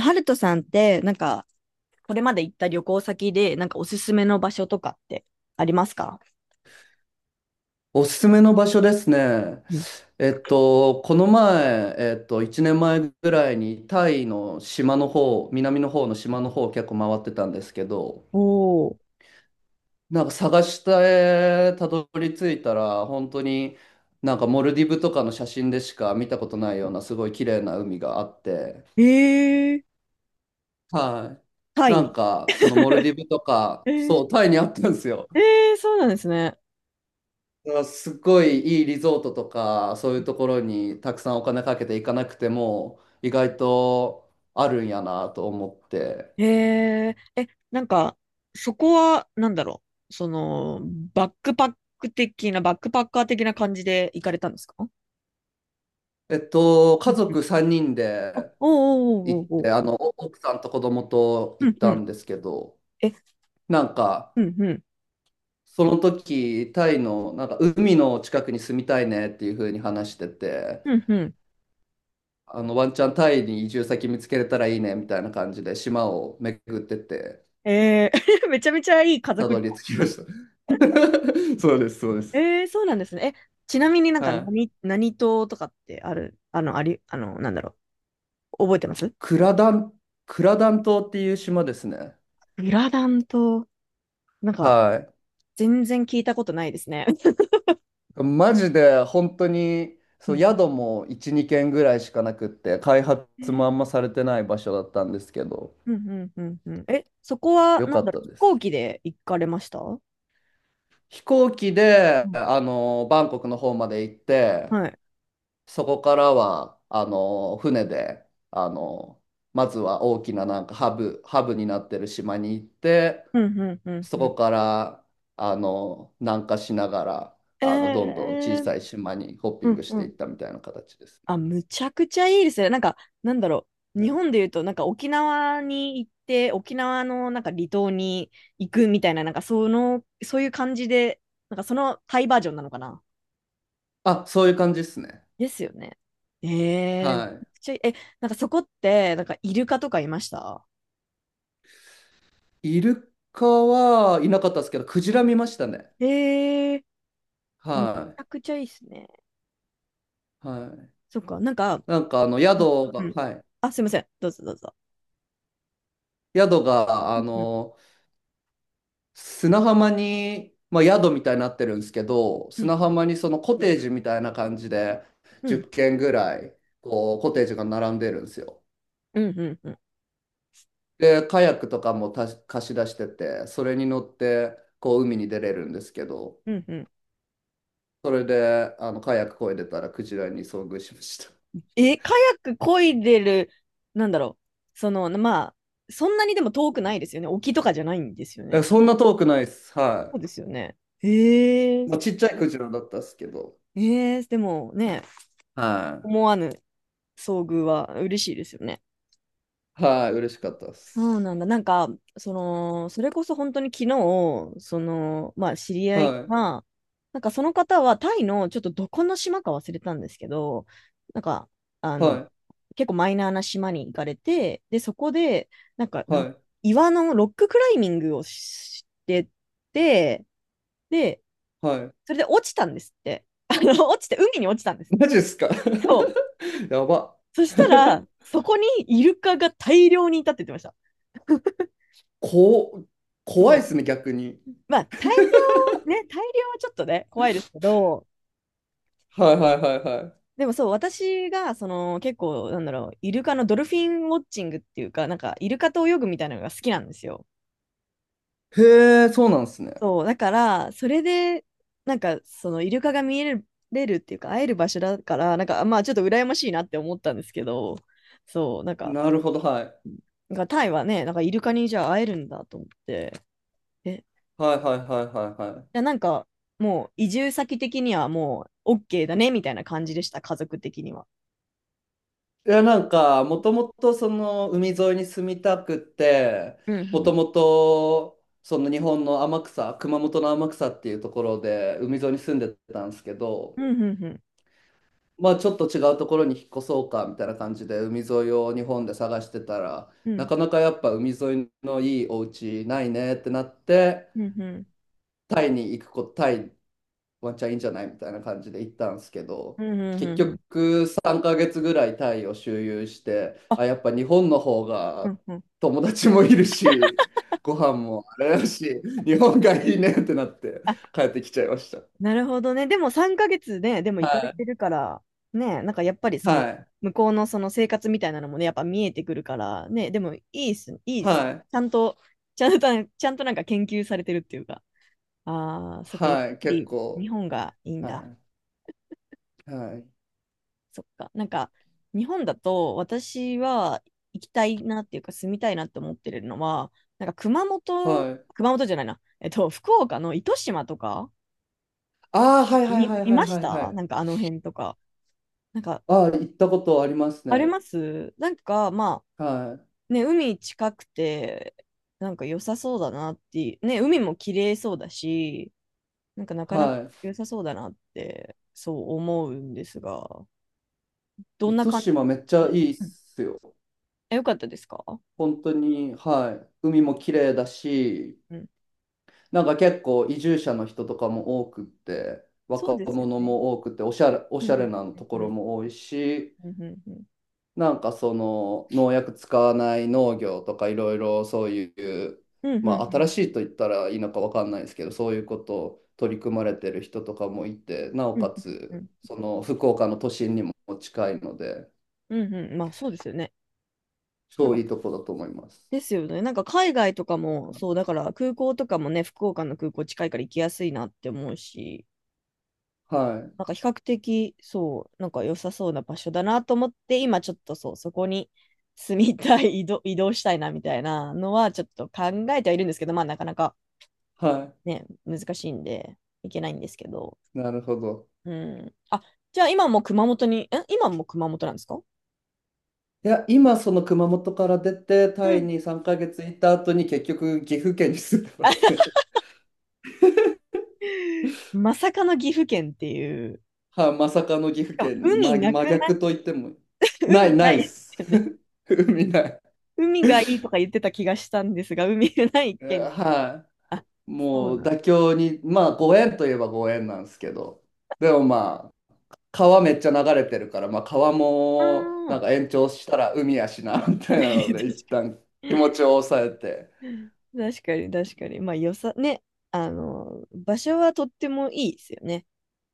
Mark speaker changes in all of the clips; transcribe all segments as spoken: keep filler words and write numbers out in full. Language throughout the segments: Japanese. Speaker 1: ハルトさんって、なんか、これまで行った旅行先で、なんかおすすめの場所とかってありますか？
Speaker 2: おすすめの場所ですね。
Speaker 1: うん。
Speaker 2: えっと、この前、えっと、いちねんまえぐらいにタイの島の方、南の方の島の方を結構回ってたんですけど、
Speaker 1: おー。
Speaker 2: なんか探してたどり着いたら、本当になんかモルディブとかの写真でしか見たことないようなすごい綺麗な海があって、
Speaker 1: えー、
Speaker 2: はい。
Speaker 1: タイ
Speaker 2: なん
Speaker 1: に。
Speaker 2: かそのモルディブとか、
Speaker 1: え
Speaker 2: そ
Speaker 1: ー、
Speaker 2: う、タイにあったんですよ。
Speaker 1: えー、そうなんですね。
Speaker 2: あすっごいいいリゾートとか、そういうところにたくさんお金かけて行かなくても、意外とあるんやなと思って。
Speaker 1: えー、え、なんか、そこは、なんだろう。その、バックパック的な、バックパッカー的な感じで行かれたんですか？
Speaker 2: えっと、
Speaker 1: う
Speaker 2: 家
Speaker 1: んうん。
Speaker 2: 族さんにん
Speaker 1: あ、
Speaker 2: で
Speaker 1: お
Speaker 2: 行
Speaker 1: ーおー
Speaker 2: っ
Speaker 1: おーおーお
Speaker 2: て、
Speaker 1: ー。
Speaker 2: あの、奥さんと子供と
Speaker 1: う
Speaker 2: 行っ
Speaker 1: んう
Speaker 2: たん
Speaker 1: ん。
Speaker 2: ですけど、
Speaker 1: え、
Speaker 2: なんか、
Speaker 1: うんうん。
Speaker 2: その時、タイの、なんか、海の近くに住みたいねっていう風に話してて、
Speaker 1: うんうん。
Speaker 2: あの、ワンチャンタイに移住先見つけれたらいいねみたいな感じで、島を巡ってって、
Speaker 1: えー、めちゃめちゃいい家
Speaker 2: た
Speaker 1: 族
Speaker 2: ど
Speaker 1: 旅
Speaker 2: り
Speaker 1: 行
Speaker 2: 着
Speaker 1: です
Speaker 2: きま
Speaker 1: ね。
Speaker 2: した。そうです、そうです。
Speaker 1: えー、そうなんですね。え、ちなみになんか
Speaker 2: はい。
Speaker 1: 何、何島とかってある、あの、あり、あの、なんだろう、覚えてます？
Speaker 2: クラダン、クラダン島っていう島ですね。
Speaker 1: グラダン島、なんか、
Speaker 2: は
Speaker 1: 全然聞いたことないですね。
Speaker 2: い。マジで本当に、
Speaker 1: う
Speaker 2: そう、
Speaker 1: ん、
Speaker 2: 宿もいち、に軒ぐらいしかなくって、開発
Speaker 1: うん、
Speaker 2: もあんまされてない場所だったんですけど、
Speaker 1: うん、うん。うんうん。え、そこは、
Speaker 2: よ
Speaker 1: なん
Speaker 2: かっ
Speaker 1: だろ
Speaker 2: た
Speaker 1: う、飛
Speaker 2: で
Speaker 1: 行
Speaker 2: す。
Speaker 1: 機で行かれましたう？
Speaker 2: 飛行機で、
Speaker 1: ん
Speaker 2: あの、バンコクの方まで行って、
Speaker 1: はい。
Speaker 2: そこからは、あの、船で、あの、まずは大きななんかハブ、ハブになってる島に行って、
Speaker 1: うん、うん、うん、
Speaker 2: そ
Speaker 1: うん。
Speaker 2: こからあの南下しながら
Speaker 1: え
Speaker 2: あのどんどん小
Speaker 1: ー、
Speaker 2: さい島にホッピ
Speaker 1: う
Speaker 2: ング
Speaker 1: ん、
Speaker 2: し
Speaker 1: う
Speaker 2: てい
Speaker 1: ん。
Speaker 2: ったみたいな形ですね。
Speaker 1: あ、むちゃくちゃいいですね。なんか、なんだろう。
Speaker 2: う
Speaker 1: 日
Speaker 2: ん。
Speaker 1: 本で言うと、なんか沖縄に行って、沖縄のなんか離島に行くみたいな、なんかその、そういう感じで、なんかそのタイバージョンなのかな。
Speaker 2: あ、そういう感じですね。
Speaker 1: ですよね。えー、めち
Speaker 2: は
Speaker 1: ゃくちゃいいえ、なんかそこって、なんかイルカとかいました？
Speaker 2: い。イルカはいなかったですけど、クジラ見ましたね。
Speaker 1: えー、むち
Speaker 2: は
Speaker 1: ゃくちゃいいですね。
Speaker 2: い。はい。
Speaker 1: そっか、なんか、
Speaker 2: なんかあの宿
Speaker 1: う
Speaker 2: が、
Speaker 1: ん。
Speaker 2: はい。
Speaker 1: あ、すいません。どうぞどうぞ。
Speaker 2: 宿が
Speaker 1: う
Speaker 2: あ
Speaker 1: ん
Speaker 2: の砂浜に、まあ、宿みたいになってるんですけど、
Speaker 1: うん
Speaker 2: 砂
Speaker 1: うん
Speaker 2: 浜にそのコテージみたいな感じで
Speaker 1: うん
Speaker 2: じゅっけん軒ぐらいこうコテージが並んでるんですよ。
Speaker 1: うんうんうんうん
Speaker 2: で、カヤックとかもた貸し出してて、それに乗ってこう海に出れるんですけど、
Speaker 1: うんうん。
Speaker 2: それであのカヤック漕いでたらクジラに遭遇しまし
Speaker 1: え、カヤック漕いでる、なんだろう。その、まあ、そんなにでも遠くないですよね。沖とかじゃないんですよ
Speaker 2: た。え、
Speaker 1: ね。
Speaker 2: そんな遠くないっす。
Speaker 1: そう
Speaker 2: は
Speaker 1: ですよね。えー、
Speaker 2: い。まあ、ちっちゃいクジラだったっすけど、
Speaker 1: えー、でもね、
Speaker 2: は
Speaker 1: 思わぬ遭遇は嬉しいですよね。
Speaker 2: い。はい、嬉しかったっ
Speaker 1: そ
Speaker 2: す。
Speaker 1: うなんだ。なんか、その、それこそ本当に昨日、その、まあ、知り合い
Speaker 2: はい、
Speaker 1: が、なんかその方はタイのちょっとどこの島か忘れたんですけど、なんか、あ
Speaker 2: は
Speaker 1: の、
Speaker 2: い、
Speaker 1: 結構マイナーな島に行かれて、で、そこで、なんか、
Speaker 2: は
Speaker 1: なん、
Speaker 2: い、
Speaker 1: 岩のロッククライミングをしてて、で、
Speaker 2: はい。
Speaker 1: それで落ちたんですって。あの、落ちて、海に落ちたんです。
Speaker 2: マジっすか？
Speaker 1: そう。
Speaker 2: やば。
Speaker 1: そした ら、そこにイルカが大量にいたって言ってました。
Speaker 2: こ、怖いっ
Speaker 1: そ
Speaker 2: すね、逆に。
Speaker 1: う。まあ、大 量、ね、大量はちょっとね、怖いですけど、
Speaker 2: はいはいはいは
Speaker 1: でもそう、私が、その、結構、なんだろう、イルカのドルフィンウォッチングっていうか、なんか、イルカと泳ぐみたいなのが好きなんですよ。
Speaker 2: い。へえ、そうなんですね。
Speaker 1: そう、だから、それで、なんか、その、イルカが見える、れるっていうか、会える場所だから、なんか、まあ、ちょっと羨ましいなって思ったんですけど、そう、なんか、
Speaker 2: なるほど、はい。
Speaker 1: なんかタイはね、なんか、イルカにじゃあ会えるんだと思って、え、じ
Speaker 2: はいはいはいはいはい。
Speaker 1: ゃあなんか、もう、移住先的にはもう、OK だね、みたいな感じでした、家族的には。
Speaker 2: いや、なんか、もともとその海沿いに住みたくて、
Speaker 1: うん
Speaker 2: も
Speaker 1: う
Speaker 2: と
Speaker 1: ん
Speaker 2: もとその日本の天草、熊本の天草っていうところで海沿いに住んでたんですけ
Speaker 1: う
Speaker 2: ど、
Speaker 1: ん、うん、うん、
Speaker 2: まあちょっと違うところに引っ越そうかみたいな感じで海沿いを日本で探してたら、
Speaker 1: う
Speaker 2: な
Speaker 1: ん、
Speaker 2: かなかやっぱ海沿いのいいお家ないねってなって、
Speaker 1: うん、
Speaker 2: タイに行くこと、タイワンチャンいいんじゃないみたいな感じで行ったんですけ
Speaker 1: う
Speaker 2: ど、
Speaker 1: ん、うん、
Speaker 2: 結
Speaker 1: うん、うん。
Speaker 2: 局さんかげつぐらいタイを周遊して、
Speaker 1: あ、
Speaker 2: あ、やっぱ日本の方
Speaker 1: う
Speaker 2: が
Speaker 1: ん、うん。
Speaker 2: 友達もいるし、ご飯もあれだし、日本がいいねってなって
Speaker 1: あ、
Speaker 2: 帰ってきちゃいました。
Speaker 1: なるほどね。でもさんかげつね、でも
Speaker 2: は
Speaker 1: 行かれ
Speaker 2: い、
Speaker 1: てるから、ね、なんかやっぱりそ
Speaker 2: は
Speaker 1: の、
Speaker 2: い、
Speaker 1: 向こうのその生活みたいなのもね、やっぱ見えてくるから、ね、でもいいっす、いいっ
Speaker 2: は
Speaker 1: す。
Speaker 2: い、
Speaker 1: ちゃんと、ちゃんと、ちゃんとなんか研究されてるっていうか、ああ、そっか、やっぱ
Speaker 2: はい、結
Speaker 1: り日
Speaker 2: 構、
Speaker 1: 本がいいんだ。
Speaker 2: はい、はい、
Speaker 1: そっか。なんか、日本だと私は行きたいなっていうか住みたいなって思ってるのは、なんか熊本、
Speaker 2: はい。
Speaker 1: 熊本じゃないな。えっと、福岡の糸島とか、
Speaker 2: ああ、はいはい
Speaker 1: 見、
Speaker 2: はい
Speaker 1: 見
Speaker 2: は
Speaker 1: ま
Speaker 2: い
Speaker 1: し
Speaker 2: はいは
Speaker 1: たな
Speaker 2: い。
Speaker 1: んかあの辺とか。なんか、
Speaker 2: ああ、行ったことあります
Speaker 1: あり
Speaker 2: ね。
Speaker 1: ますなんか、ま
Speaker 2: はい、
Speaker 1: あ、ね、海近くて、なんか良さそうだなっていう、ね、海も綺麗そうだし、なんかなかなか
Speaker 2: は
Speaker 1: 良さそうだなって、そう思うんですが、ど
Speaker 2: い。
Speaker 1: んな
Speaker 2: 糸
Speaker 1: 感
Speaker 2: 島
Speaker 1: じ、
Speaker 2: めっちゃいいっ
Speaker 1: うん。
Speaker 2: すよ。
Speaker 1: え、よかったですか？
Speaker 2: 本当に、はい、海も綺麗だし、
Speaker 1: うん。
Speaker 2: なんか結構移住者の人とかも多くって、
Speaker 1: そう
Speaker 2: 若
Speaker 1: ですよ
Speaker 2: 者
Speaker 1: ね。
Speaker 2: も多くて、おしゃれ、お
Speaker 1: う
Speaker 2: しゃれ
Speaker 1: ん
Speaker 2: な
Speaker 1: う
Speaker 2: と
Speaker 1: ん
Speaker 2: こ
Speaker 1: う
Speaker 2: ろ
Speaker 1: ん
Speaker 2: も多いし、
Speaker 1: うん
Speaker 2: なんかその農薬使わない農業とかいろいろそういう、
Speaker 1: うんうんう
Speaker 2: まあ
Speaker 1: ん
Speaker 2: 新し
Speaker 1: うん
Speaker 2: いと言ったらいいのかわかんないですけど、そういうことを取り組まれてる人とかもいて、な
Speaker 1: う
Speaker 2: おか
Speaker 1: んうん
Speaker 2: つその福岡の都心にも近いので、
Speaker 1: うんうん。まあそうですよね。なん
Speaker 2: 超い
Speaker 1: か
Speaker 2: いとこだと思います。
Speaker 1: ですよね。なんか海外とかもそうだから空港とかもね、福岡の空港近いから行きやすいなって思うし、
Speaker 2: はい、
Speaker 1: なんか比較的そうなんか良さそうな場所だなと思って、今ちょっと、そう、そこに住みたい、移動、移動したいなみたいなのはちょっと考えてはいるんですけど、まあなかなか
Speaker 2: は
Speaker 1: ね、難しいんで行けないんですけど。
Speaker 2: い、なるほど。
Speaker 1: うん。あ、じゃあ今も熊本に、え、今も熊本なんですか？
Speaker 2: いや、今その熊本から出て、タ
Speaker 1: う
Speaker 2: イ
Speaker 1: ん。
Speaker 2: にさんかげついた後に結局岐阜県に住んでますね。
Speaker 1: まさかの岐阜県っていう、
Speaker 2: はい、まさかの岐
Speaker 1: し
Speaker 2: 阜
Speaker 1: かも
Speaker 2: 県、
Speaker 1: 海
Speaker 2: ま、
Speaker 1: なく
Speaker 2: 真
Speaker 1: な、
Speaker 2: 逆と言っても、な
Speaker 1: 海
Speaker 2: い、
Speaker 1: な
Speaker 2: ないっ
Speaker 1: いで
Speaker 2: す。
Speaker 1: すよね。
Speaker 2: 海ない。
Speaker 1: 海がいいとか言ってた気がしたんですが、海がない
Speaker 2: えー
Speaker 1: 県。
Speaker 2: は
Speaker 1: あ、
Speaker 2: い。
Speaker 1: そう
Speaker 2: もう
Speaker 1: なん。
Speaker 2: 妥協に、まあご縁といえばご縁なんですけど、でもまあ、川めっちゃ流れてるから、まあ川も
Speaker 1: あ
Speaker 2: なんか延長したら海やしな、みたいなの
Speaker 1: ー
Speaker 2: で、一 旦気持ちを抑えて、
Speaker 1: 確かに。確かに、確かに。まあ、よさ、ね、あの、場所はとってもいいですよね。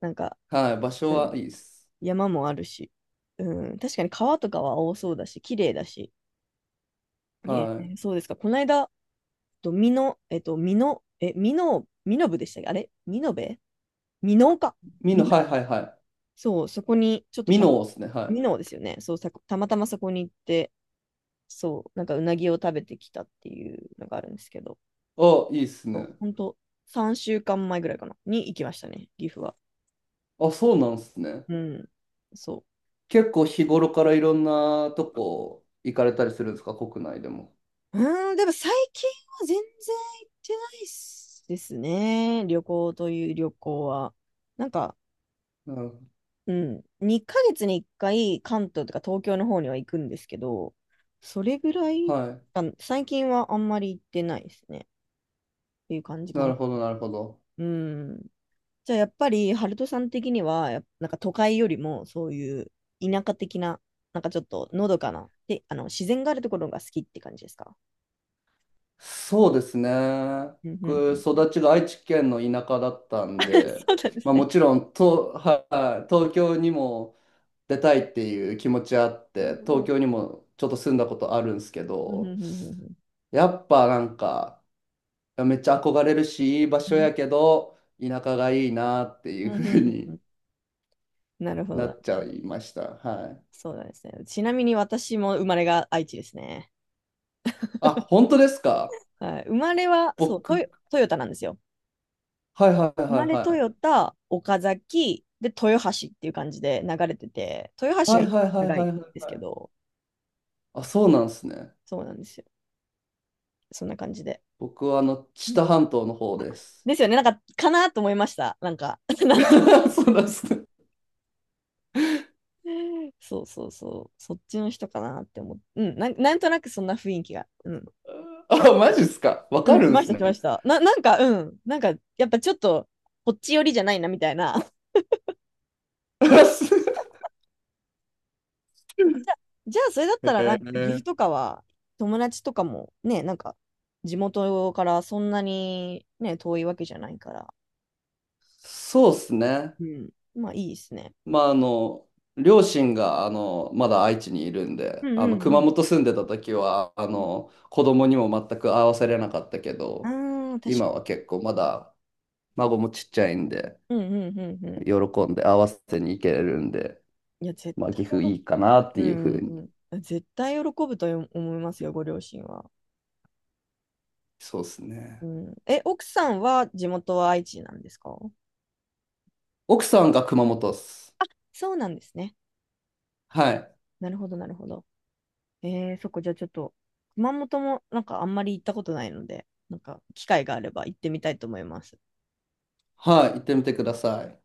Speaker 1: なんか、
Speaker 2: はい、場所
Speaker 1: う
Speaker 2: は
Speaker 1: ん、
Speaker 2: いいっす。
Speaker 1: 山もあるし、うん、確かに川とかは多そうだし、綺麗だし。ね、
Speaker 2: はい。
Speaker 1: そうですか。この間、と、みのえっと、みのえ、みのみの部でしたっけ、あれみのべみのうか。
Speaker 2: 美濃、
Speaker 1: みの、
Speaker 2: はいはいはい。
Speaker 1: そう、そこに、ちょっと
Speaker 2: 美
Speaker 1: た、
Speaker 2: 濃ですね、は
Speaker 1: み
Speaker 2: い。
Speaker 1: のうですよね。そう、さたまたまそこに行って、そう、なんかうなぎを食べてきたっていうのがあるんですけど、
Speaker 2: あ、いいっすね。
Speaker 1: そうほんと、さんしゅうかんまえぐらいかな、に行きましたね、岐阜は。
Speaker 2: あ、そうなんすね。
Speaker 1: うん、そ
Speaker 2: 結構日頃からいろんなとこ行かれたりするんですか、国内でも。
Speaker 1: う。うーん、でも最近は全然行ってないっすですね、旅行という旅行は。なんか、
Speaker 2: なるほ
Speaker 1: うん、にかげつにいっかい関東とか東京の方には行くんですけど、それぐら
Speaker 2: ど。
Speaker 1: い、
Speaker 2: はい。
Speaker 1: あ、最近はあんまり行ってないですね。っていう感じか
Speaker 2: なる
Speaker 1: な。
Speaker 2: ほど、なるほど。
Speaker 1: うん。じゃあやっぱり、ハルトさん的には、やっなんか都会よりもそういう田舎的な、なんかちょっとのどかな、で、あの、自然があるところが好きって感じですか？
Speaker 2: そうですね。
Speaker 1: うんう
Speaker 2: 僕、
Speaker 1: ん。
Speaker 2: 育ちが愛知県の田舎だった んで、
Speaker 1: そうなんです
Speaker 2: まあも
Speaker 1: ね。
Speaker 2: ちろん、と、はい、東京にも出たいっていう気持ちあっ
Speaker 1: う
Speaker 2: て、
Speaker 1: ん
Speaker 2: 東
Speaker 1: うん
Speaker 2: 京にもちょっと住んだことあるんですけ
Speaker 1: うんう
Speaker 2: ど、
Speaker 1: んうん
Speaker 2: やっぱなんか、めっちゃ憧れるし、いい場
Speaker 1: う
Speaker 2: 所
Speaker 1: ん
Speaker 2: やけど、田舎がいいなって
Speaker 1: う
Speaker 2: いう
Speaker 1: んうんう
Speaker 2: ふう
Speaker 1: んう
Speaker 2: に
Speaker 1: ん。なるほ
Speaker 2: な
Speaker 1: ど。
Speaker 2: っちゃいました。はい。
Speaker 1: そうなんですね。ちなみに私も生まれが愛知ですね。
Speaker 2: あ、本当ですか？
Speaker 1: はい、生まれは、そう、ト
Speaker 2: 僕、
Speaker 1: ヨ、トヨタなんですよ。
Speaker 2: はいはい
Speaker 1: 生
Speaker 2: は
Speaker 1: ま
Speaker 2: い
Speaker 1: れト
Speaker 2: は
Speaker 1: ヨ
Speaker 2: い。
Speaker 1: タ、岡崎、で、豊橋っていう感じで流れてて、豊橋
Speaker 2: は
Speaker 1: が
Speaker 2: い
Speaker 1: 一
Speaker 2: は
Speaker 1: 番
Speaker 2: いはい
Speaker 1: 長い
Speaker 2: は
Speaker 1: ん
Speaker 2: いはい
Speaker 1: ですけ
Speaker 2: はい。
Speaker 1: ど、
Speaker 2: あ、
Speaker 1: そ
Speaker 2: そう
Speaker 1: う、
Speaker 2: なんですね。
Speaker 1: そうなんですよ。そんな感じで。
Speaker 2: 僕はあの、知
Speaker 1: うん。
Speaker 2: 多半島の方
Speaker 1: あ、
Speaker 2: です。
Speaker 1: ですよね、なんか、かなと思いました。なんか、な んと、
Speaker 2: そうなんですね。
Speaker 1: そうそうそう、そっちの人かなって思って、うん、なん、なんとなくそんな雰囲気が、うん、
Speaker 2: あ、
Speaker 1: なんか、
Speaker 2: マジっすか？わ
Speaker 1: う
Speaker 2: か
Speaker 1: ん、し
Speaker 2: るん
Speaker 1: まし
Speaker 2: す
Speaker 1: た、し
Speaker 2: ね。
Speaker 1: ました。な、なんか、うん、なんか、やっぱちょっと、こっち寄りじゃないな、みたいな。だからじゃあ、じゃあそれだった
Speaker 2: へ
Speaker 1: ら、なんか岐
Speaker 2: え。
Speaker 1: 阜とかは、友達とかもね、なんか、地元からそんなにね、遠いわけじゃないから、
Speaker 2: そうっすね。
Speaker 1: うん、まあいいですね。
Speaker 2: まああの両親があのまだ愛知にいるん
Speaker 1: う
Speaker 2: で
Speaker 1: ん
Speaker 2: あ
Speaker 1: う
Speaker 2: の
Speaker 1: んう
Speaker 2: 熊
Speaker 1: ん。
Speaker 2: 本住んでた時はあ
Speaker 1: うん。
Speaker 2: の子供にも全く会わせれなかったけ
Speaker 1: あ
Speaker 2: ど
Speaker 1: あ、確
Speaker 2: 今
Speaker 1: かに。
Speaker 2: は結構まだ孫もちっちゃいんで、
Speaker 1: うんうんうんうん。
Speaker 2: 喜んで合わせに行けるんで、
Speaker 1: いや、絶
Speaker 2: まあ、
Speaker 1: 対
Speaker 2: 岐阜
Speaker 1: 喜
Speaker 2: いいかなって
Speaker 1: ぶ、う
Speaker 2: いうふ
Speaker 1: ん
Speaker 2: う
Speaker 1: う
Speaker 2: に。
Speaker 1: んうん。絶対喜ぶと思いますよ、ご両親は。
Speaker 2: そうです
Speaker 1: う
Speaker 2: ね。
Speaker 1: ん、え、奥さんは地元は愛知なんですか？
Speaker 2: 奥さんが熊本っす。
Speaker 1: そうなんですね。
Speaker 2: はい。
Speaker 1: なるほど、なるほど。えー、そこじゃあちょっと、熊本もなんかあんまり行ったことないので、なんか機会があれば行ってみたいと思います。
Speaker 2: はい。行ってみてください。